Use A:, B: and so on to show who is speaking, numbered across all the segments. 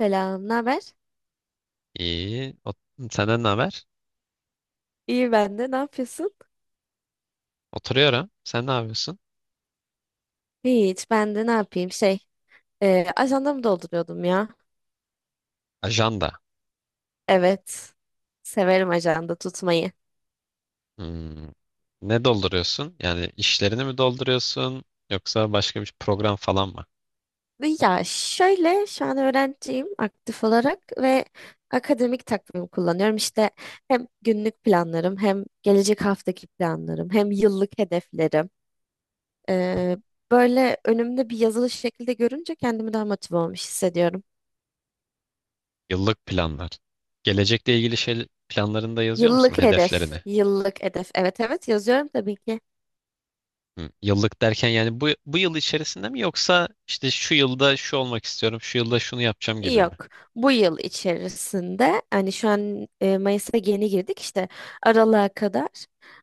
A: Selam, ne haber?
B: İyi. Senden ne haber?
A: İyi ben de. Ne yapıyorsun?
B: Oturuyorum. Sen ne yapıyorsun?
A: Hiç, ben de ne yapayım? Şey, ajandamı dolduruyordum ya.
B: Ajanda.
A: Evet, severim ajanda tutmayı.
B: Hmm. Ne dolduruyorsun? Yani işlerini mi dolduruyorsun? Yoksa başka bir program falan mı?
A: Ya şöyle, şu an öğrenciyim aktif olarak ve akademik takvim kullanıyorum. İşte hem günlük planlarım, hem gelecek haftaki planlarım, hem yıllık hedeflerim. E, Böyle önümde bir yazılı şekilde görünce kendimi daha motive olmuş hissediyorum.
B: Yıllık planlar. Gelecekle ilgili şey planlarını da yazıyor musun?
A: Yıllık hedef,
B: Hedeflerini.
A: yıllık hedef. Evet, evet, yazıyorum tabii ki.
B: Hmm. Yıllık derken yani bu yıl içerisinde mi, yoksa işte şu yılda şu olmak istiyorum, şu yılda şunu yapacağım gibi mi?
A: Yok. Bu yıl içerisinde hani şu an Mayıs'a yeni girdik işte aralığa kadar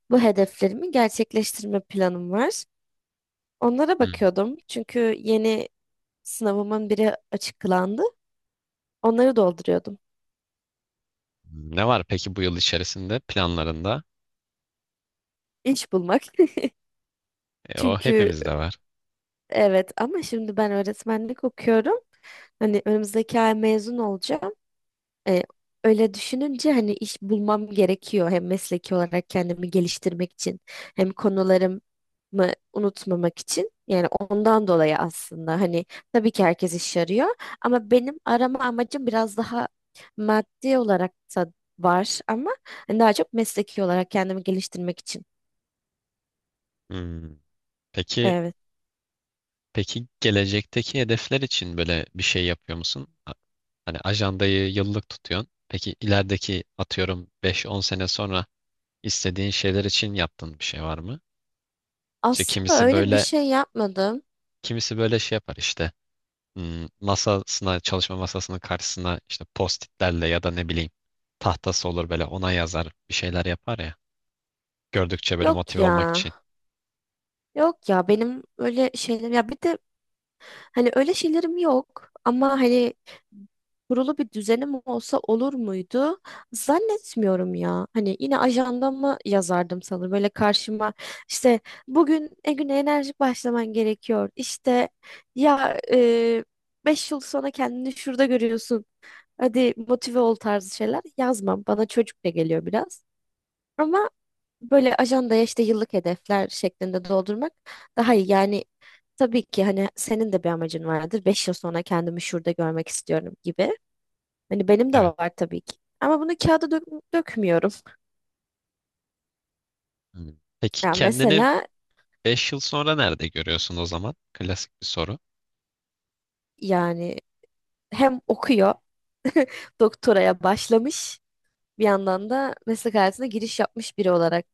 A: bu hedeflerimi gerçekleştirme planım var. Onlara
B: Hmm.
A: bakıyordum çünkü yeni sınavımın biri açıklandı. Onları dolduruyordum.
B: Ne var peki bu yıl içerisinde planlarında?
A: İş bulmak.
B: O
A: Çünkü
B: hepimizde var.
A: evet, ama şimdi ben öğretmenlik okuyorum. Hani önümüzdeki ay mezun olacağım. E, Öyle düşününce hani iş bulmam gerekiyor, hem mesleki olarak kendimi geliştirmek için, hem konularımı unutmamak için. Yani ondan dolayı aslında hani tabii ki herkes iş arıyor, ama benim arama amacım biraz daha maddi olarak da var, ama hani daha çok mesleki olarak kendimi geliştirmek için.
B: Hmm. Peki.
A: Evet.
B: Peki gelecekteki hedefler için böyle bir şey yapıyor musun? Hani ajandayı yıllık tutuyorsun. Peki ilerideki, atıyorum, beş on sene sonra istediğin şeyler için yaptığın bir şey var mı? İşte
A: Aslında
B: kimisi
A: öyle bir
B: böyle,
A: şey yapmadım.
B: kimisi böyle şey yapar işte, hmm, masasına, çalışma masasının karşısına, işte postitlerle ya da ne bileyim tahtası olur, böyle ona yazar bir şeyler yapar ya. Gördükçe böyle
A: Yok
B: motive
A: ya.
B: olmak için.
A: Yok ya, benim öyle şeyler ya bir de hani öyle şeylerim yok, ama hani kurulu bir düzenim olsa olur muydu? Zannetmiyorum ya. Hani yine ajandama yazardım sanırım. Böyle karşıma işte bugün güne enerjik başlaman gerekiyor. İşte ya 5 yıl sonra kendini şurada görüyorsun. Hadi motive ol tarzı şeyler yazmam. Bana çocukça geliyor biraz. Ama böyle ajandaya işte yıllık hedefler şeklinde doldurmak daha iyi. Yani, tabii ki hani senin de bir amacın vardır. 5 yıl sonra kendimi şurada görmek istiyorum gibi. Hani benim de
B: Evet.
A: var tabii ki. Ama bunu kağıda dökmüyorum.
B: Hmm. Peki
A: Ya
B: kendini
A: mesela
B: 5 yıl sonra nerede görüyorsun o zaman? Klasik bir soru.
A: yani hem okuyor, doktoraya başlamış, bir yandan da meslek hayatına giriş yapmış biri olarak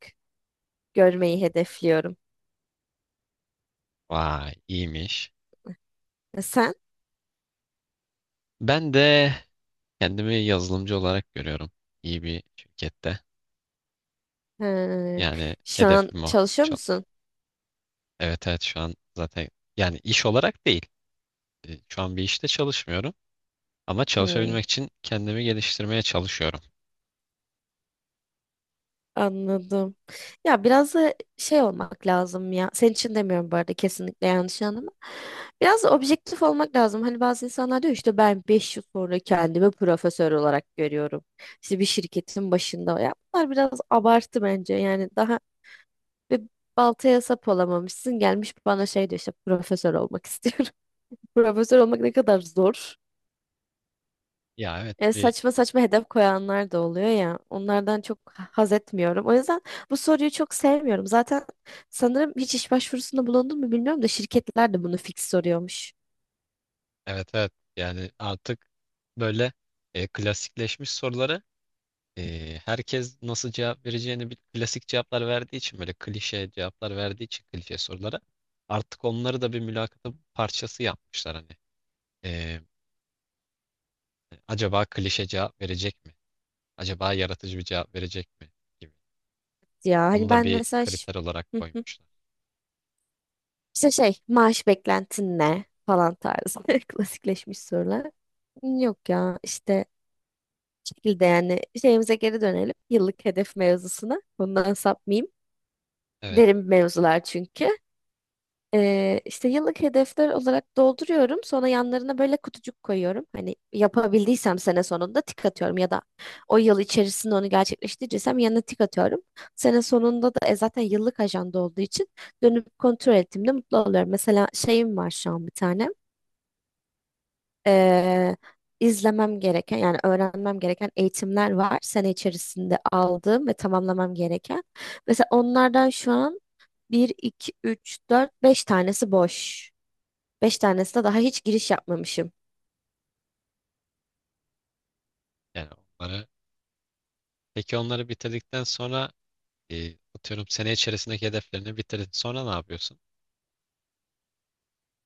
A: görmeyi hedefliyorum.
B: Vay, iyiymiş.
A: E sen?
B: Ben de kendimi yazılımcı olarak görüyorum. İyi bir şirkette.
A: He,
B: Yani
A: şu an
B: hedefim o.
A: çalışıyor
B: Çal-
A: musun?
B: Evet, evet, şu an zaten, yani iş olarak değil. Şu an bir işte çalışmıyorum. Ama
A: Hmm.
B: çalışabilmek için kendimi geliştirmeye çalışıyorum.
A: Anladım. Ya biraz da şey olmak lazım ya. Senin için demiyorum bu arada, kesinlikle yanlış anlama. Biraz da objektif olmak lazım. Hani bazı insanlar diyor işte ben 5 yıl sonra kendimi profesör olarak görüyorum. İşte bir şirketin başında. Ya bunlar biraz abartı bence. Yani daha bir baltaya sap olamamışsın. Gelmiş bana şey diyor işte profesör olmak istiyorum. Profesör olmak ne kadar zor.
B: Ya evet,
A: Saçma saçma hedef koyanlar da oluyor ya. Onlardan çok haz etmiyorum. O yüzden bu soruyu çok sevmiyorum. Zaten sanırım hiç iş başvurusunda bulundun mu bilmiyorum da şirketler de bunu fix soruyormuş.
B: evet, evet, yani artık böyle klasikleşmiş soruları. Herkes nasıl cevap vereceğini klasik cevaplar verdiği için, böyle klişe cevaplar verdiği için klişe sorulara artık onları da bir mülakatın parçası yapmışlar hani. Ee, acaba klişe cevap verecek mi? Acaba yaratıcı bir cevap verecek mi? Gibi.
A: Ya
B: Onu
A: hani
B: da
A: ben
B: bir
A: mesela
B: kriter olarak
A: Hı hı.
B: koymuşlar.
A: işte şey maaş beklentin ne falan tarzı, klasikleşmiş sorular. Yok ya işte şekilde yani şeyimize geri dönelim. Yıllık hedef mevzusuna. Bundan sapmayayım.
B: Evet,
A: Derin mevzular çünkü. İşte yıllık hedefler olarak dolduruyorum. Sonra yanlarına böyle kutucuk koyuyorum. Hani yapabildiysem sene sonunda tik atıyorum, ya da o yıl içerisinde onu gerçekleştireceksem yanına tik atıyorum. Sene sonunda da zaten yıllık ajanda olduğu için dönüp kontrol ettiğimde mutlu oluyorum. Mesela şeyim var şu an bir tane. Ee, izlemem gereken yani öğrenmem gereken eğitimler var. Sene içerisinde aldığım ve tamamlamam gereken. Mesela onlardan şu an bir 2 3 4 5 tanesi boş. Beş tanesine daha hiç giriş yapmamışım.
B: yani onları. Peki onları bitirdikten sonra, atıyorum sene içerisindeki hedeflerini bitirdin. Sonra ne yapıyorsun?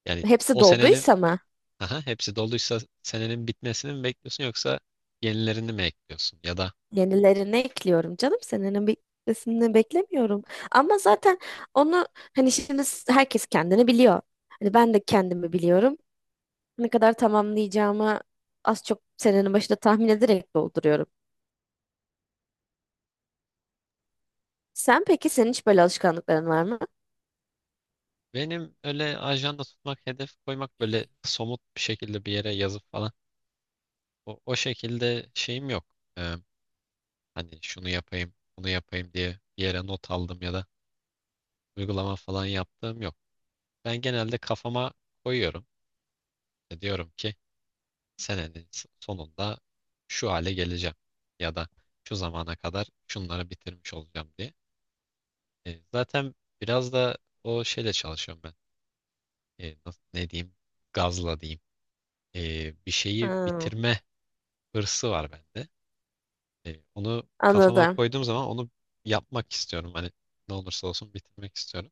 B: Yani
A: Hepsi
B: o senenin.
A: dolduysa mı?
B: Aha, hepsi doluysa senenin bitmesini mi bekliyorsun, yoksa yenilerini mi ekliyorsun? Ya da
A: Yenilerini ekliyorum canım. Senenin bitmesini beklemiyorum. Ama zaten onu hani şimdi herkes kendini biliyor. Hani ben de kendimi biliyorum. Ne kadar tamamlayacağımı az çok senenin başında tahmin ederek dolduruyorum. Sen peki senin hiç böyle alışkanlıkların var mı?
B: benim öyle ajanda tutmak, hedef koymak, böyle somut bir şekilde bir yere yazıp falan, o şekilde şeyim yok. Ee, hani şunu yapayım, bunu yapayım diye bir yere not aldım ya da uygulama falan yaptığım yok. Ben genelde kafama koyuyorum. Diyorum ki senenin sonunda şu hale geleceğim ya da şu zamana kadar şunları bitirmiş olacağım diye. Zaten biraz da o şeyle çalışıyorum ben. Nasıl, ne diyeyim? Gazla diyeyim. Bir şeyi
A: Ha,
B: bitirme hırsı var bende. Onu kafama
A: anladım.
B: koyduğum zaman onu yapmak istiyorum. Hani ne olursa olsun bitirmek istiyorum.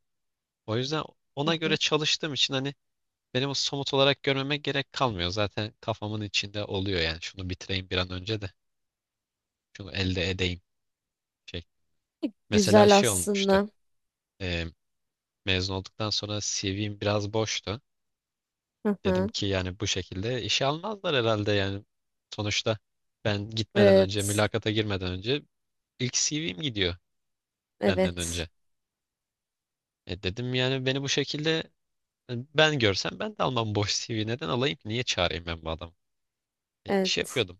B: O yüzden
A: Hı
B: ona göre
A: hı.
B: çalıştığım için, hani, benim o somut olarak görmeme gerek kalmıyor. Zaten kafamın içinde oluyor yani. Şunu bitireyim bir an önce de. Şunu elde edeyim. Şey. Mesela
A: Güzel
B: şey olmuştu.
A: aslında.
B: E, mezun olduktan sonra CV'm biraz boştu.
A: Hı
B: Dedim
A: hı.
B: ki yani bu şekilde işe almazlar herhalde yani. Sonuçta ben gitmeden önce,
A: Evet.
B: mülakata girmeden önce, ilk CV'm gidiyor benden
A: Evet.
B: önce. Dedim yani beni bu şekilde, ben görsem ben de almam, boş CV neden alayım ki? Niye çağırayım ben bu adamı? Şey
A: Evet.
B: yapıyordum.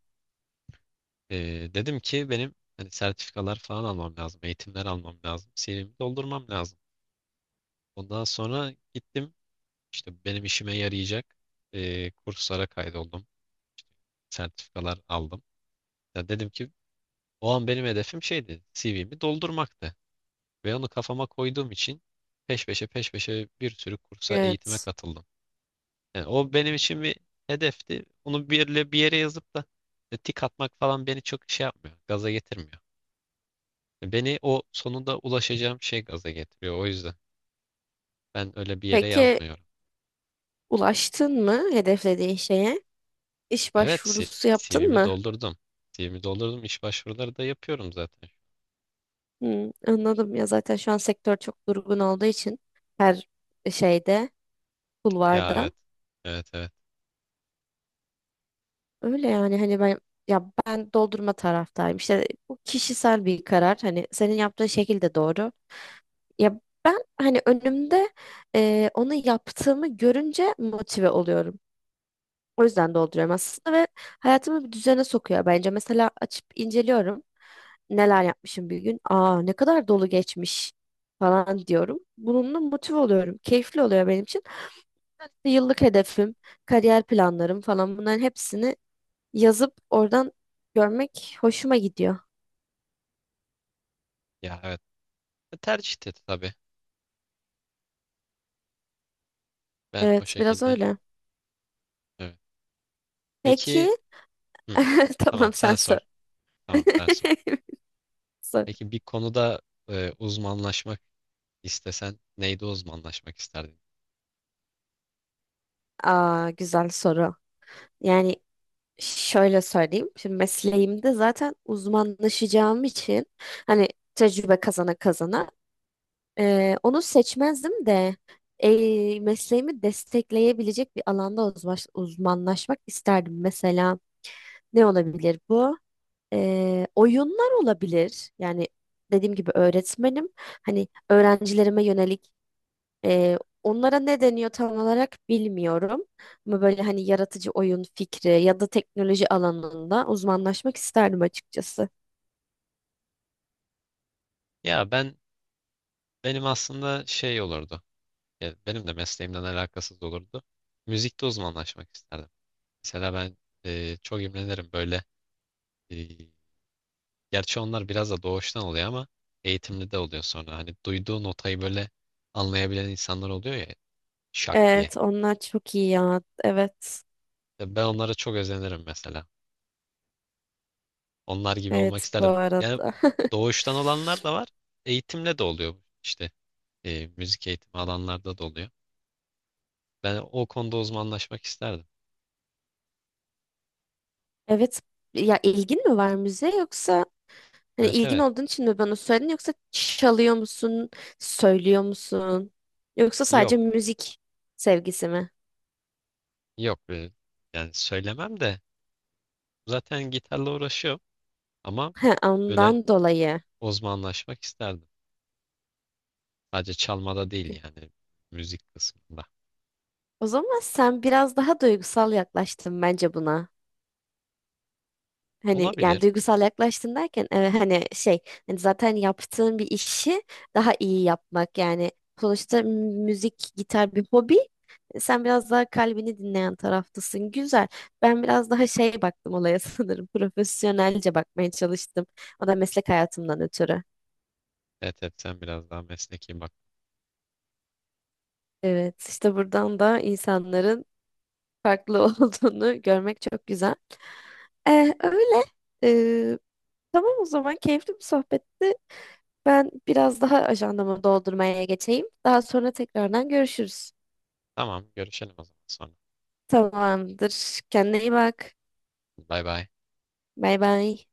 B: E, dedim ki benim hani sertifikalar falan almam lazım, eğitimler almam lazım, CV'mi doldurmam lazım. Ondan sonra gittim, işte benim işime yarayacak kurslara kaydoldum, sertifikalar aldım. Ya dedim ki o an benim hedefim şeydi, CV'mi doldurmaktı. Ve onu kafama koyduğum için peş peşe peş peşe bir sürü kursa, eğitime
A: Evet.
B: katıldım. Yani o benim için bir hedefti. Onu bir yere, bir yere yazıp da tik atmak falan beni çok şey yapmıyor, gaza getirmiyor. Beni o sonunda ulaşacağım şey gaza getiriyor. O yüzden ben öyle bir yere
A: Peki,
B: yazmıyorum.
A: ulaştın mı hedeflediğin şeye? İş
B: Evet,
A: başvurusu yaptın
B: CV'mi
A: mı?
B: doldurdum. CV'mi doldurdum. İş başvuruları da yapıyorum zaten.
A: Hmm, anladım ya, zaten şu an sektör çok durgun olduğu için her şeyde,
B: Ya
A: kulvarda.
B: evet. Evet, evet.
A: Öyle yani hani ben, ya ben doldurma taraftayım. İşte bu kişisel bir karar. Hani senin yaptığın şekil de doğru. Ya ben hani önümde onu yaptığımı görünce motive oluyorum. O yüzden dolduruyorum aslında ve hayatımı bir düzene sokuyor bence. Mesela açıp inceliyorum. Neler yapmışım bir gün. Aa, ne kadar dolu geçmiş falan diyorum. Bununla motive oluyorum. Keyifli oluyor benim için. Evet, İşte yıllık hedefim, kariyer planlarım falan, bunların hepsini yazıp oradan görmek hoşuma gidiyor.
B: Ya evet. Tercihti tabii. Ben o
A: Evet, biraz
B: şekilde,
A: öyle.
B: evet.
A: Peki.
B: Peki, hı, tamam
A: Tamam,
B: sen
A: sen
B: sor.
A: sor.
B: Tamam, ben sorayım.
A: Sor.
B: Peki bir konuda uzmanlaşmak istesen, neyde uzmanlaşmak isterdin?
A: Aa, güzel soru. Yani şöyle söyleyeyim. Şimdi mesleğimde zaten uzmanlaşacağım için, hani tecrübe kazana kazana, onu seçmezdim de mesleğimi destekleyebilecek bir alanda uzmanlaşmak isterdim. Mesela ne olabilir bu? Oyunlar olabilir. Yani dediğim gibi öğretmenim. Hani öğrencilerime yönelik onlara ne deniyor tam olarak bilmiyorum. Ama böyle hani yaratıcı oyun fikri ya da teknoloji alanında uzmanlaşmak isterdim açıkçası.
B: Ya ben benim aslında şey olurdu. Ya benim de mesleğimden alakasız olurdu. Müzikte uzmanlaşmak isterdim. Mesela ben çok imrenirim böyle. e, Gerçi onlar biraz da doğuştan oluyor ama eğitimli de oluyor sonra. Hani duyduğu notayı böyle anlayabilen insanlar oluyor ya, şak diye.
A: Evet, onlar çok iyi ya. Evet.
B: Ya ben onlara çok özenirim mesela. Onlar gibi olmak
A: Evet, bu
B: isterdim. Yani
A: arada.
B: doğuştan olanlar da var. Eğitimle de oluyor işte. Müzik eğitimi alanlarda da oluyor. Ben o konuda uzmanlaşmak isterdim.
A: Evet. Ya ilgin mi var müziğe, yoksa hani
B: Evet,
A: ilgin
B: evet.
A: olduğun için mi bana söyledin, yoksa çalıyor musun, söylüyor musun? Yoksa
B: Yok,
A: sadece müzik sevgisi mi?
B: yok. Yani söylemem de, zaten gitarla uğraşıyorum, ama
A: He,
B: böyle
A: ondan dolayı.
B: uzmanlaşmak isterdim. Sadece çalmada değil yani, müzik kısmında.
A: O zaman sen biraz daha duygusal yaklaştın bence buna. Hani yani
B: Olabilir.
A: duygusal yaklaştın derken hani şey, hani zaten yaptığın bir işi daha iyi yapmak yani, sonuçta müzik, gitar bir hobi. Sen biraz daha kalbini dinleyen taraftasın, güzel. Ben biraz daha şey baktım olaya, sanırım profesyonelce bakmaya çalıştım, o da meslek hayatımdan ötürü.
B: Evet, evet, sen biraz daha mesleki bak.
A: Evet, işte buradan da insanların farklı olduğunu görmek çok güzel. Öyle. Ee, tamam, o zaman keyifli bir sohbetti. Ben biraz daha ajandamı doldurmaya geçeyim. Daha sonra tekrardan görüşürüz.
B: Tamam, görüşelim o zaman sonra.
A: Tamamdır. Kendine iyi bak.
B: Bay bay.
A: Bay bay.